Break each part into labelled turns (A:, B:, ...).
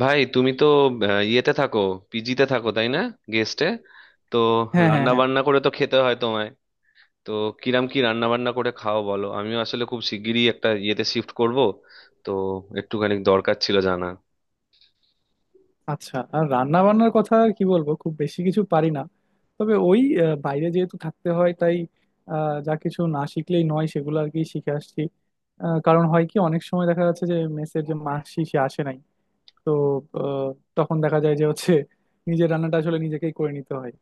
A: ভাই তুমি তো ইয়েতে থাকো, পিজিতে থাকো তাই না? গেস্টে, তো
B: হ্যাঁ, হ্যাঁ,
A: রান্না
B: হ্যাঁ।
A: বান্না করে তো খেতে হয় তোমায়। তো কিরাম কি রান্না বান্না করে খাও বলো? আমিও আসলে খুব শিগগিরই একটা ইয়েতে শিফট করব, তো একটুখানি দরকার ছিল জানা।
B: আচ্ছা, আর রান্না বান্নার কথা আর কি বলবো, খুব বেশি কিছু পারি না। তবে ওই বাইরে যেহেতু থাকতে হয়, তাই যা কিছু না শিখলেই নয় সেগুলো আর কি শিখে আসছি। কারণ হয় কি, অনেক সময় দেখা যাচ্ছে যে মেসের যে মাসি সে আসে নাই। তো আহ, তখন দেখা যায় যে হচ্ছে নিজের রান্নাটা আসলে নিজেকেই করে নিতে হয়।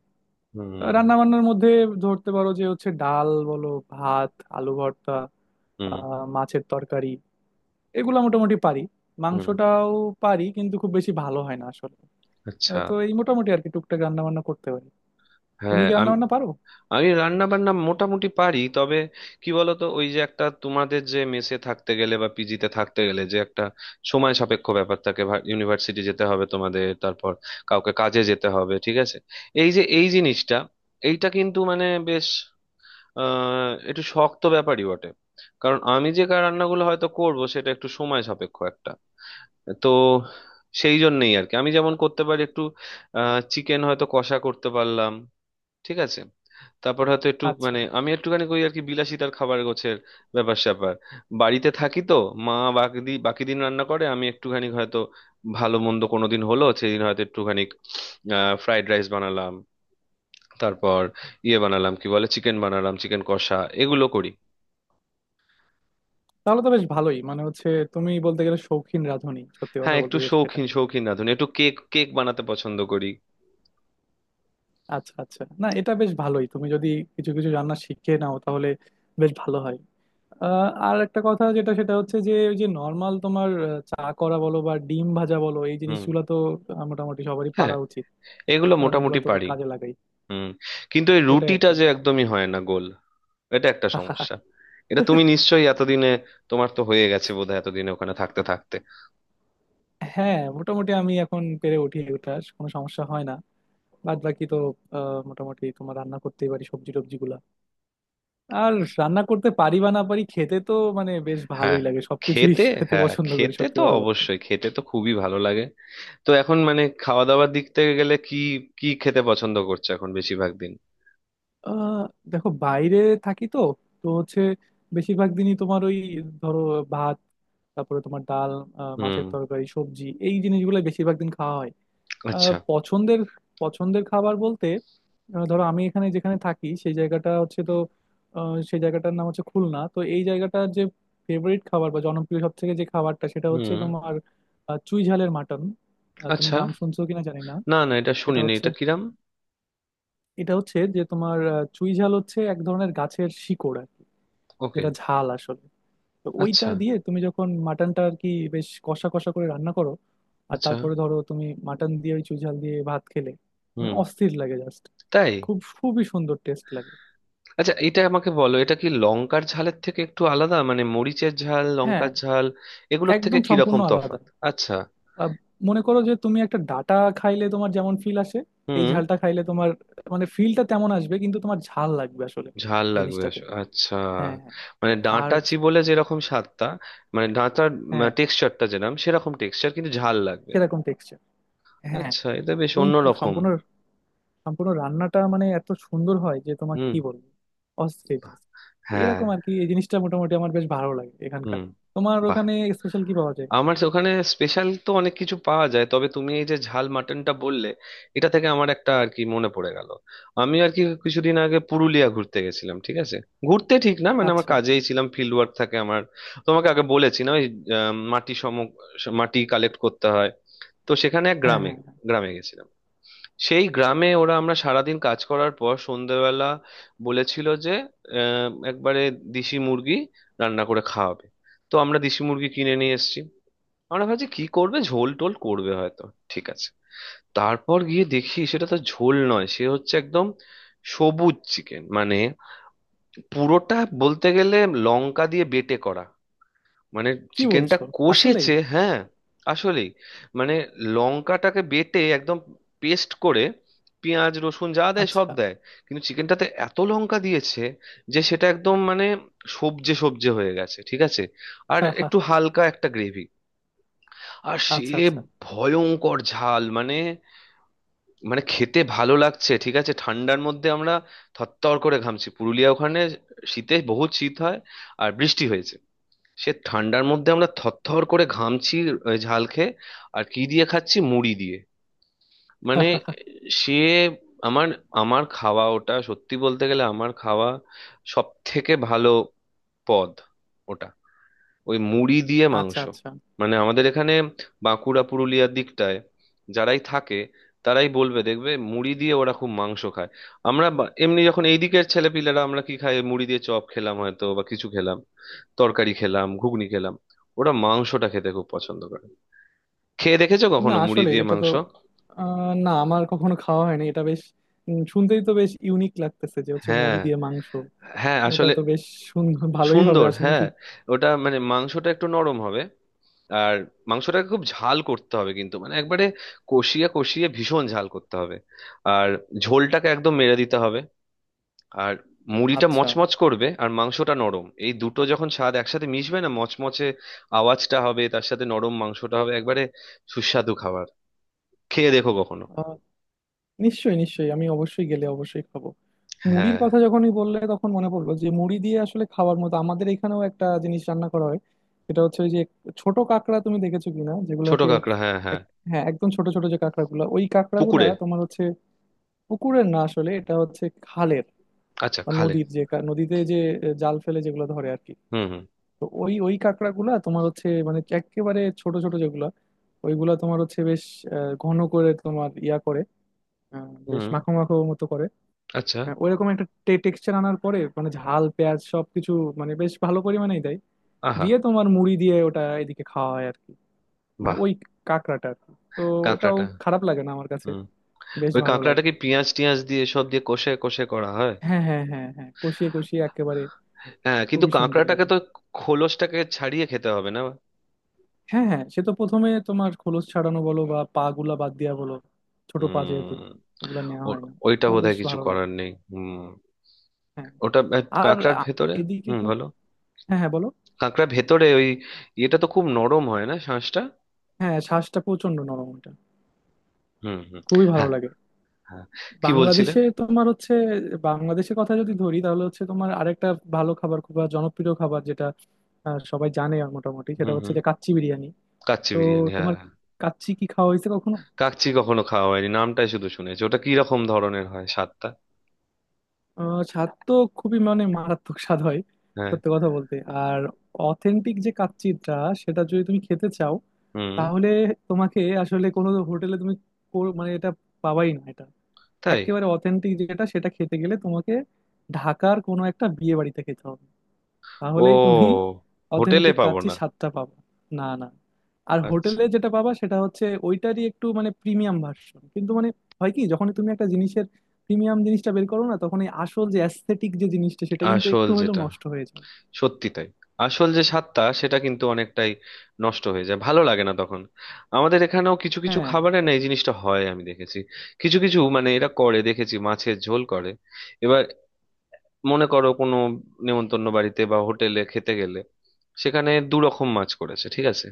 A: হুম,
B: রান্না বান্নার মধ্যে ধরতে পারো যে হচ্ছে ডাল বলো, ভাত, আলু ভর্তা,
A: হুম,
B: মাছের তরকারি, এগুলো মোটামুটি পারি।
A: হুম।
B: মাংসটাও পারি, কিন্তু খুব বেশি ভালো হয় না আসলে।
A: আচ্ছা।
B: তো এই মোটামুটি আর কি টুকটাক রান্না বান্না করতে পারি। তুমি
A: হ্যাঁ
B: কি রান্না
A: আমি,
B: বান্না পারো?
A: রান্না বান্না মোটামুটি পারি, তবে কি বলতো, ওই যে একটা তোমাদের, যে মেসে থাকতে গেলে বা পিজিতে থাকতে গেলে যে একটা সময় সাপেক্ষ ব্যাপার থাকে। ইউনিভার্সিটি যেতে হবে তোমাদের, তারপর কাউকে কাজে যেতে হবে, ঠিক আছে। এই যে এই জিনিসটা, এইটা কিন্তু মানে বেশ একটু শক্ত ব্যাপারই বটে। কারণ আমি যে রান্নাগুলো হয়তো করব, সেটা একটু সময় সাপেক্ষ একটা, তো সেই জন্যই আর কি। আমি যেমন করতে পারি একটু চিকেন হয়তো কষা করতে পারলাম, ঠিক আছে। তারপর হয়তো একটু
B: আচ্ছা,
A: মানে আমি একটুখানি করি আর কি, বিলাসিতার খাবার গোছের ব্যাপার স্যাপার। বাড়িতে থাকি তো, মা বাকি দিন বাকি দিন রান্না করে, আমি একটুখানি হয়তো ভালো মন্দ কোনো দিন হলো সেদিন হয়তো একটুখানি ফ্রাইড রাইস বানালাম, তারপর ইয়ে বানালাম কি বলে, চিকেন বানালাম, চিকেন কষা, এগুলো করি।
B: তাহলে তো বেশ ভালোই মানে হচ্ছে, তুমি বলতে গেলে শৌখিন রাঁধুনি, সত্যি কথা
A: হ্যাঁ একটু
B: বলতে যেটা সেটা।
A: শৌখিন শৌখিন না, ধরুন একটু কেক কেক বানাতে পছন্দ করি।
B: আচ্ছা আচ্ছা, না এটা বেশ ভালোই, তুমি যদি কিছু কিছু রান্না শিখে নাও তাহলে বেশ ভালো হয়। আর একটা কথা যেটা সেটা হচ্ছে যে, ওই যে নর্মাল তোমার চা করা বলো বা ডিম ভাজা বলো, এই
A: হুম।
B: জিনিসগুলো তো মোটামুটি সবারই
A: হ্যাঁ
B: পারা উচিত,
A: এগুলো
B: কারণ এগুলো
A: মোটামুটি
B: তো
A: পারি।
B: কাজে লাগাই।
A: হুম। কিন্তু এই
B: এটাই আর
A: রুটিটা
B: কি।
A: যে একদমই হয় না গোল, এটা একটা সমস্যা। এটা তুমি নিশ্চয়ই এতদিনে, তোমার তো হয়ে গেছে বোধহয় এতদিনে ওখানে থাকতে থাকতে।
B: হ্যাঁ, মোটামুটি আমি এখন পেরে উঠি ওটা, কোনো সমস্যা হয় না। বাদ বাকি তো মোটামুটি তোমার রান্না করতেই পারি, সবজি টবজি গুলা। আর রান্না করতে পারি বা না পারি, খেতে তো মানে বেশ
A: হ্যাঁ
B: ভালোই লাগে সবকিছুই
A: খেতে,
B: খেতে
A: হ্যাঁ
B: পছন্দ করি,
A: খেতে
B: সত্যি
A: তো
B: কথা বলতে।
A: অবশ্যই, খেতে তো খুবই ভালো লাগে। তো এখন মানে খাওয়া দাওয়ার দিক থেকে গেলে কি কি খেতে পছন্দ করছো এখন বেশিরভাগ দিন?
B: আহ দেখো, বাইরে থাকি তো, তো হচ্ছে বেশিরভাগ দিনই তোমার ওই, ধরো, ভাত, তারপরে তোমার ডাল,
A: হুম।
B: মাছের তরকারি, সবজি, এই জিনিসগুলো বেশিরভাগ দিন খাওয়া হয়।
A: আচ্ছা।
B: পছন্দের, পছন্দের খাবার বলতে, ধরো আমি এখানে যেখানে থাকি সেই জায়গাটা হচ্ছে তো, সেই জায়গাটার নাম হচ্ছে খুলনা। তো এই জায়গাটার যে ফেভারিট খাবার বা জনপ্রিয় সব থেকে যে খাবারটা সেটা হচ্ছে
A: হুম।
B: তোমার চুই ঝালের মাটন। তুমি
A: আচ্ছা।
B: নাম শুনছো কিনা জানি না।
A: না না এটা
B: এটা
A: শুনিনি,
B: হচ্ছে,
A: এটা কিরাম?
B: এটা হচ্ছে যে তোমার চুই ঝাল হচ্ছে এক ধরনের গাছের শিকড় আর কি,
A: ওকে।
B: যেটা ঝাল আসলে। তো ওইটা
A: আচ্ছা।
B: দিয়ে তুমি যখন মাটনটা আর কি বেশ কষা কষা করে রান্না করো, আর
A: আচ্ছা।
B: তারপরে ধরো তুমি মাটন দিয়ে ওই চুই ঝাল দিয়ে ভাত খেলে, মানে
A: হুম।
B: অস্থির লাগে জাস্ট।
A: তাই?
B: খুব খুবই সুন্দর টেস্ট লাগে।
A: আচ্ছা এটা আমাকে বলো, এটা কি লঙ্কার ঝালের থেকে একটু আলাদা? মানে মরিচের ঝাল,
B: হ্যাঁ,
A: লঙ্কার ঝাল, এগুলোর থেকে
B: একদম
A: কি
B: সম্পূর্ণ
A: রকম
B: আলাদা।
A: তফাৎ? আচ্ছা।
B: আহ, মনে করো যে তুমি একটা ডাটা খাইলে তোমার যেমন ফিল আসে, এই
A: হুম।
B: ঝালটা খাইলে তোমার মানে ফিলটা তেমন আসবে, কিন্তু তোমার ঝাল লাগবে আসলে
A: ঝাল লাগবে
B: জিনিসটাতে।
A: আচ্ছা।
B: হ্যাঁ, হ্যাঁ।
A: মানে
B: আর
A: ডাঁটা বলে যেরকম স্বাদটা, মানে ডাঁটার
B: হ্যাঁ,
A: টেক্সচারটা যেরকম সেরকম টেক্সচার কিন্তু ঝাল লাগবে।
B: সেরকম টেক্সচার। হ্যাঁ,
A: আচ্ছা, এটা বেশ
B: এবং
A: অন্য রকম।
B: সম্পূর্ণ, সম্পূর্ণ রান্নাটা মানে এত সুন্দর হয় যে তোমাকে
A: হুম।
B: কি বলবো, অস্থির
A: বাহ,
B: just।
A: হ্যাঁ।
B: এরকম আর কি, এই জিনিসটা মোটামুটি আমার বেশ ভালো লাগে এখানকার।
A: হুম।
B: তোমার
A: বাহ।
B: ওখানে স্পেশাল কি পাওয়া যায়?
A: আমার তো ওখানে স্পেশাল তো অনেক কিছু পাওয়া যায়, তবে তুমি এই যে ঝাল মাটনটা বললে, এটা থেকে আমার একটা আর কি মনে পড়ে গেল। আমি আর কি কিছুদিন আগে পুরুলিয়া ঘুরতে গেছিলাম, ঠিক আছে? ঘুরতে ঠিক না, মানে আমার
B: আচ্ছা।
A: কাজেই ছিলাম, ফিল্ড ওয়ার্ক থাকে আমার, তোমাকে আগে বলেছি না ওই আহ, মাটি সম মাটি কালেক্ট করতে হয়। তো সেখানে এক
B: হ্যাঁ,
A: গ্রামে,
B: হ্যাঁ, হ্যাঁ।
A: গেছিলাম। সেই গ্রামে ওরা, আমরা সারাদিন কাজ করার পর সন্ধেবেলা বলেছিল যে একবারে দেশি মুরগি রান্না করে খাওয়াবে। তো আমরা দেশি মুরগি কিনে নিয়ে এসেছি, আমরা ভাবছি কি করবে, ঝোল টোল করবে হয়তো, ঠিক আছে। তারপর গিয়ে দেখি সেটা তো ঝোল নয়, সে হচ্ছে একদম সবুজ চিকেন, মানে পুরোটা বলতে গেলে লঙ্কা দিয়ে বেটে করা, মানে
B: কি
A: চিকেনটা
B: বলছো, আসলেই?
A: কষেছে, হ্যাঁ। আসলেই, মানে লঙ্কাটাকে বেটে একদম পেস্ট করে পেঁয়াজ রসুন যা দেয় সব
B: আচ্ছা
A: দেয়, কিন্তু চিকেনটাতে এত লঙ্কা দিয়েছে যে সেটা একদম মানে সবজে সবজে হয়ে গেছে, ঠিক আছে? আর একটু হালকা একটা গ্রেভি আর সে
B: আচ্ছা আচ্ছা।
A: ভয়ঙ্কর ঝাল, মানে, মানে খেতে ভালো লাগছে ঠিক আছে, ঠান্ডার মধ্যে আমরা থরথর করে ঘামছি। পুরুলিয়া ওখানে শীতে বহুত শীত হয়, আর বৃষ্টি হয়েছে, সে ঠান্ডার মধ্যে আমরা থরথর করে ঘামছি ঝাল খেয়ে। আর কি দিয়ে খাচ্ছি? মুড়ি দিয়ে। মানে সে, আমার আমার খাওয়া ওটা, সত্যি বলতে গেলে আমার খাওয়া সব থেকে ভালো পদ ওটা, ওই মুড়ি দিয়ে
B: আচ্ছা
A: মাংস।
B: আচ্ছা,
A: মানে আমাদের এখানে বাঁকুড়া পুরুলিয়ার দিকটায় যারাই থাকে তারাই বলবে, দেখবে মুড়ি দিয়ে ওরা খুব মাংস খায়। আমরা এমনি যখন এই দিকের ছেলেপিলেরা, আমরা কি খাই? মুড়ি দিয়ে চপ খেলাম হয়তো বা কিছু খেলাম, তরকারি খেলাম, ঘুগনি খেলাম। ওরা মাংসটা খেতে খুব পছন্দ করে। খেয়ে দেখেছো
B: না
A: কখনো মুড়ি
B: আসলে
A: দিয়ে
B: এটা তো
A: মাংস?
B: না, আমার কখনো খাওয়া হয়নি। এটা বেশ শুনতেই তো বেশ ইউনিক লাগতেছে যে হচ্ছে মুড়ি
A: হ্যাঁ,
B: দিয়ে মাংস।
A: হ্যাঁ
B: এটা
A: আসলে।
B: তো বেশ সুন্দর ভালোই হবে
A: সুন্দর,
B: আশা
A: হ্যাঁ।
B: করি।
A: ওটা মানে মাংসটা একটু নরম হবে আর মাংসটাকে খুব ঝাল করতে হবে, কিন্তু মানে একবারে কষিয়ে কষিয়ে ভীষণ ঝাল করতে হবে। আর ঝোলটাকে একদম মেরে দিতে হবে। আর মুড়িটা
B: আচ্ছা।
A: মচমচ করবে আর মাংসটা নরম, এই দুটো যখন স্বাদ একসাথে মিশবে না, মচমচে আওয়াজটা হবে তার সাথে নরম মাংসটা হবে, একবারে সুস্বাদু খাবার। খেয়ে দেখো কখনো।
B: আহ, নিশ্চয়ই নিশ্চয়ই, আমি অবশ্যই গেলে অবশ্যই খাবো। মুড়ির
A: হ্যাঁ।
B: কথা যখনই বললে তখন মনে পড়লো যে, মুড়ি দিয়ে আসলে খাওয়ার মতো আমাদের এখানেও একটা জিনিস রান্না করা হয়। এটা হচ্ছে ওই যে ছোট কাঁকড়া, তুমি দেখেছো কিনা
A: ছোট
B: যেগুলোকে।
A: কাঁকড়া, হ্যাঁ হ্যাঁ।
B: এক- হ্যাঁ, একদম ছোট ছোট যে কাঁকড়াগুলো, ওই কাঁকড়াগুলা
A: পুকুরের?
B: তোমার হচ্ছে পুকুরের না, আসলে এটা হচ্ছে খালের
A: আচ্ছা,
B: বা
A: খালে।
B: নদীর যে নদীতে যে জাল ফেলে যেগুলো ধরে আর কি।
A: হুম, হুম।
B: তো ওই ওই কাঁকড়াগুলা তোমার হচ্ছে মানে একেবারে ছোট ছোট যেগুলা, ওইগুলা তোমার হচ্ছে বেশ ঘন করে তোমার ইয়া করে, বেশ
A: হুম।
B: মাখো মাখো মতো করে,
A: আচ্ছা।
B: ওইরকম একটা টেক্সচার আনার পরে, মানে ঝাল, পেঁয়াজ, সবকিছু মানে বেশ ভালো পরিমাণেই দেয়।
A: আহা।
B: দিয়ে তোমার মুড়ি দিয়ে ওটা এদিকে খাওয়া হয় আর কি, মানে
A: বাহ।
B: ওই কাঁকড়াটা আর কি। তো ওটাও
A: কাঁকড়াটা।
B: খারাপ লাগে না আমার কাছে,
A: হুম।
B: বেশ
A: ওই
B: ভালো লাগে।
A: কাঁকড়াটাকে পেঁয়াজ টিয়াজ দিয়ে সব দিয়ে কষে কষে করা হয়?
B: হ্যাঁ হ্যাঁ হ্যাঁ, হ্যাঁ কষিয়ে কষিয়ে একেবারে
A: হ্যাঁ, কিন্তু
B: খুবই সুন্দর
A: কাঁকড়াটাকে
B: লাগে।
A: তো খোলসটাকে ছাড়িয়ে খেতে হবে না?
B: হ্যাঁ হ্যাঁ, সে তো প্রথমে তোমার খোলস ছাড়ানো বলো বা পা গুলা বাদ দেওয়া বলো, ছোট পা যেহেতু
A: হুম।
B: ওগুলা নেওয়া হয় না।
A: ওইটা
B: তো বেশ
A: বোধহয় কিছু
B: ভালো লাগে।
A: করার নেই, হুম।
B: হ্যাঁ।
A: ওটা
B: আর
A: কাঁকড়ার
B: আ-
A: ভেতরে।
B: এদিকে
A: হুম,
B: তো,
A: ভালো।
B: হ্যাঁ হ্যাঁ বলো।
A: কাঁকড়ার ভেতরে ওই, এটা তো খুব নরম হয় না শাঁসটা?
B: হ্যাঁ, শ্বাসটা প্রচন্ড নরম ওটা,
A: হুম, হুম।
B: খুবই ভালো
A: হ্যাঁ,
B: লাগে।
A: হ্যাঁ। কি বলছিলে?
B: বাংলাদেশে তোমার হচ্ছে, বাংলাদেশের কথা যদি ধরি তাহলে হচ্ছে তোমার আরেকটা ভালো খাবার, খুব জনপ্রিয় খাবার যেটা সবাই জানে মোটামুটি, সেটা
A: হুম,
B: হচ্ছে
A: হুম।
B: যে কাচ্চি বিরিয়ানি।
A: কাচ্চি
B: তো
A: বিরিয়ানি, হ্যাঁ
B: তোমার
A: হ্যাঁ।
B: কাচ্চি কি খাওয়া হয়েছে কখনো?
A: কাচ্চি কখনো খাওয়া হয়নি, নামটাই শুধু শুনেছি। ওটা কি রকম ধরনের হয় স্বাদটা?
B: স্বাদ তো খুবই মানে মারাত্মক স্বাদ হয়,
A: হ্যাঁ।
B: সত্যি কথা বলতে। আর অথেন্টিক যে কাচ্চিটা, সেটা যদি তুমি খেতে চাও
A: হুম।
B: তাহলে তোমাকে আসলে কোনো হোটেলে তুমি মানে এটা পাবাই না এটা।
A: তাই?
B: একেবারে অথেন্টিক যেটা সেটা খেতে গেলে তোমাকে ঢাকার কোনো একটা বিয়ে বাড়িতে খেতে হবে, তাহলেই তুমি
A: ও, হোটেলে
B: অথেন্টিক
A: পাবো
B: কাচ্চি
A: না?
B: স্বাদটা পাবা। না না। আর
A: আচ্ছা।
B: হোটেলে যেটা পাবা সেটা হচ্ছে ওইটারই একটু মানে প্রিমিয়াম ভার্সন, কিন্তু মানে হয় কি, যখন তুমি একটা জিনিসের প্রিমিয়াম জিনিসটা বের করো না, তখন এই আসল যে অ্যাস্থেটিক যে জিনিসটা সেটা কিন্তু
A: আসল
B: একটু হইলেও
A: যেটা,
B: নষ্ট হয়ে যায়।
A: সত্যি তাই, আসল যে স্বাদটা সেটা কিন্তু অনেকটাই নষ্ট হয়ে যায়, ভালো লাগে না তখন। আমাদের এখানেও কিছু কিছু
B: হ্যাঁ
A: খাবারে না এই জিনিসটা হয়, আমি দেখেছি। কিছু কিছু মানে এরা করে দেখেছি, মাছের ঝোল করে এবার, মনে করো কোনো নেমন্তন্ন বাড়িতে বা হোটেলে খেতে গেলে, সেখানে দু রকম মাছ করেছে, ঠিক আছে?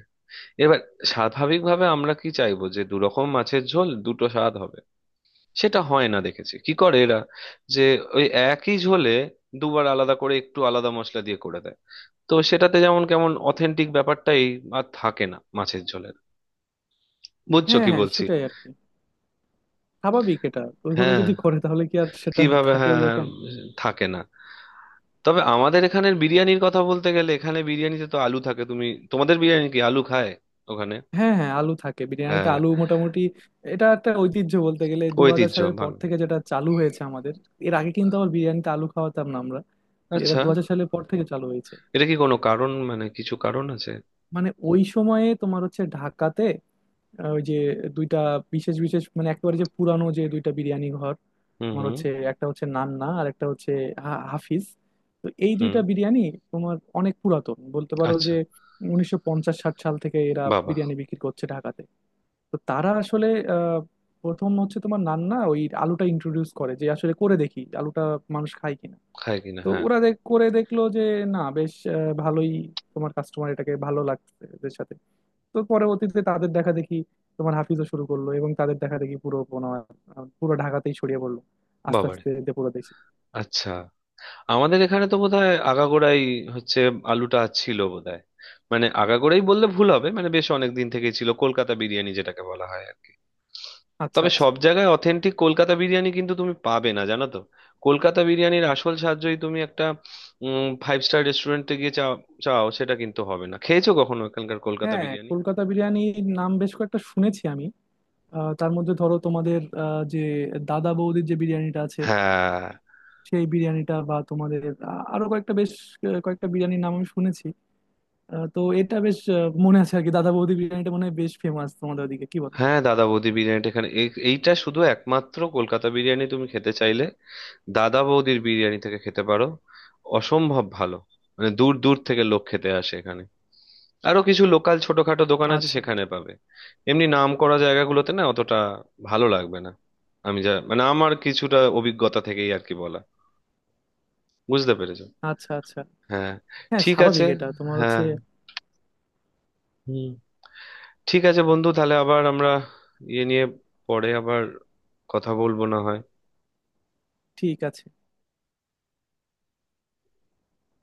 A: এবার স্বাভাবিকভাবে আমরা কি চাইবো? যে দু রকম মাছের ঝোল দুটো স্বাদ হবে। সেটা হয় না, দেখেছি কি করে এরা, যে ওই একই ঝোলে দুবার আলাদা করে একটু আলাদা মশলা দিয়ে করে দেয়। তো সেটাতে যেমন কেমন অথেন্টিক ব্যাপারটাই আর থাকে না মাছের ঝোলের। বুঝছো
B: হ্যাঁ
A: কি
B: হ্যাঁ,
A: বলছি?
B: সেটাই আর কি, স্বাভাবিক এটা। ওইভাবে
A: হ্যাঁ,
B: যদি করে তাহলে কি আর সেটা
A: কিভাবে,
B: থাকে
A: হ্যাঁ
B: ওই।
A: হ্যাঁ, থাকে না। তবে আমাদের এখানের বিরিয়ানির কথা বলতে গেলে, এখানে বিরিয়ানিতে তো আলু থাকে। তুমি, তোমাদের বিরিয়ানি কি আলু খায় ওখানে?
B: হ্যাঁ হ্যাঁ, আলু থাকে
A: হ্যাঁ
B: বিরিয়ানিতে,
A: হ্যাঁ,
B: আলু মোটামুটি এটা একটা ঐতিহ্য বলতে গেলে। 2000
A: ঐতিহ্য
B: সালের পর
A: ভাঙ।
B: থেকে যেটা চালু হয়েছে আমাদের। এর আগে কিন্তু আবার বিরিয়ানিতে আলু খাওয়াতাম না আমরা। এটা
A: আচ্ছা,
B: 2000 সালের পর থেকে চালু হয়েছে।
A: এটা কি কোনো কারণ, মানে কিছু কারণ আছে?
B: মানে ওই সময়ে তোমার হচ্ছে ঢাকাতে ওই যে দুইটা বিশেষ বিশেষ মানে একেবারে যে পুরানো যে দুইটা বিরিয়ানি ঘর
A: হুম,
B: তোমার
A: হুম।
B: হচ্ছে, একটা হচ্ছে নান্না আর একটা হচ্ছে হাফিজ। তো এই
A: হুম।
B: দুইটা বিরিয়ানি তোমার অনেক পুরাতন বলতে পারো
A: আচ্ছা।
B: যে, 1950-60 সাল থেকে এরা
A: বাবা।
B: বিরিয়ানি বিক্রি করছে ঢাকাতে। তো তারা আসলে আহ, প্রথম হচ্ছে তোমার নান্না ওই আলুটা ইন্ট্রোডিউস করে, যে আসলে করে দেখি আলুটা মানুষ খায় কিনা।
A: খায় কিনা,
B: তো
A: হ্যাঁ।
B: ওরা করে দেখলো যে না, বেশ ভালোই তোমার কাস্টমার এটাকে ভালো লাগছে এদের সাথে। তো পরবর্তীতে তাদের দেখা দেখি তোমার হাফিজও শুরু করলো, এবং তাদের দেখা দেখি পুরো তোমার পুরো ঢাকাতেই ছড়িয়ে পড়লো, আস্তে
A: বাবারে।
B: আস্তে যে পুরো দেশে।
A: আচ্ছা আমাদের এখানে তো বোধহয় আগাগোড়াই হচ্ছে আলুটা ছিল বোধহয়। মানে আগাগোড়াই বললে ভুল হবে, মানে বেশ অনেক দিন থেকেই ছিল, কলকাতা বিরিয়ানি যেটাকে বলা হয় আর কি।
B: আচ্ছা
A: তবে
B: আচ্ছা।
A: সব জায়গায় অথেন্টিক কলকাতা বিরিয়ানি কিন্তু তুমি পাবে না, জানো তো। কলকাতা বিরিয়ানির আসল সাহায্যই তুমি একটা ফাইভ স্টার রেস্টুরেন্টে গিয়ে চাও, চাও সেটা কিন্তু হবে না। খেয়েছো কখনো এখানকার কলকাতা
B: হ্যাঁ,
A: বিরিয়ানি?
B: কলকাতা বিরিয়ানির নাম বেশ কয়েকটা শুনেছি আমি। তার মধ্যে ধরো তোমাদের যে দাদা বৌদির যে বিরিয়ানিটা আছে,
A: হ্যাঁ
B: সেই বিরিয়ানিটা বা তোমাদের আরো কয়েকটা বেশ কয়েকটা বিরিয়ানির নাম আমি শুনেছি। তো এটা বেশ মনে আছে আর কি, দাদা বৌদি বিরিয়ানিটা মনে হয় বেশ ফেমাস তোমাদের ওদিকে কি বলো?
A: হ্যাঁ, দাদা বৌদি বিরিয়ানিটা এখানে, এইটা শুধু একমাত্র কলকাতা বিরিয়ানি তুমি খেতে চাইলে দাদা বৌদির বিরিয়ানি থেকে খেতে পারো। অসম্ভব ভালো, মানে দূর দূর থেকে লোক খেতে আসে এখানে। আরো কিছু লোকাল ছোটখাটো দোকান আছে
B: আচ্ছা
A: সেখানে পাবে। এমনি নাম করা জায়গাগুলোতে না অতটা ভালো লাগবে না। আমি যা, মানে আমার কিছুটা অভিজ্ঞতা থেকেই আর কি বলা, বুঝতে পেরেছো?
B: আচ্ছা আচ্ছা।
A: হ্যাঁ।
B: হ্যাঁ,
A: ঠিক আছে।
B: স্বাভাবিক এটা তোমার
A: হ্যাঁ।
B: হচ্ছে।
A: হুম। ঠিক আছে বন্ধু, তাহলে আবার আমরা ইয়ে নিয়ে পরে আবার কথা বলবো না হয়।
B: ঠিক আছে।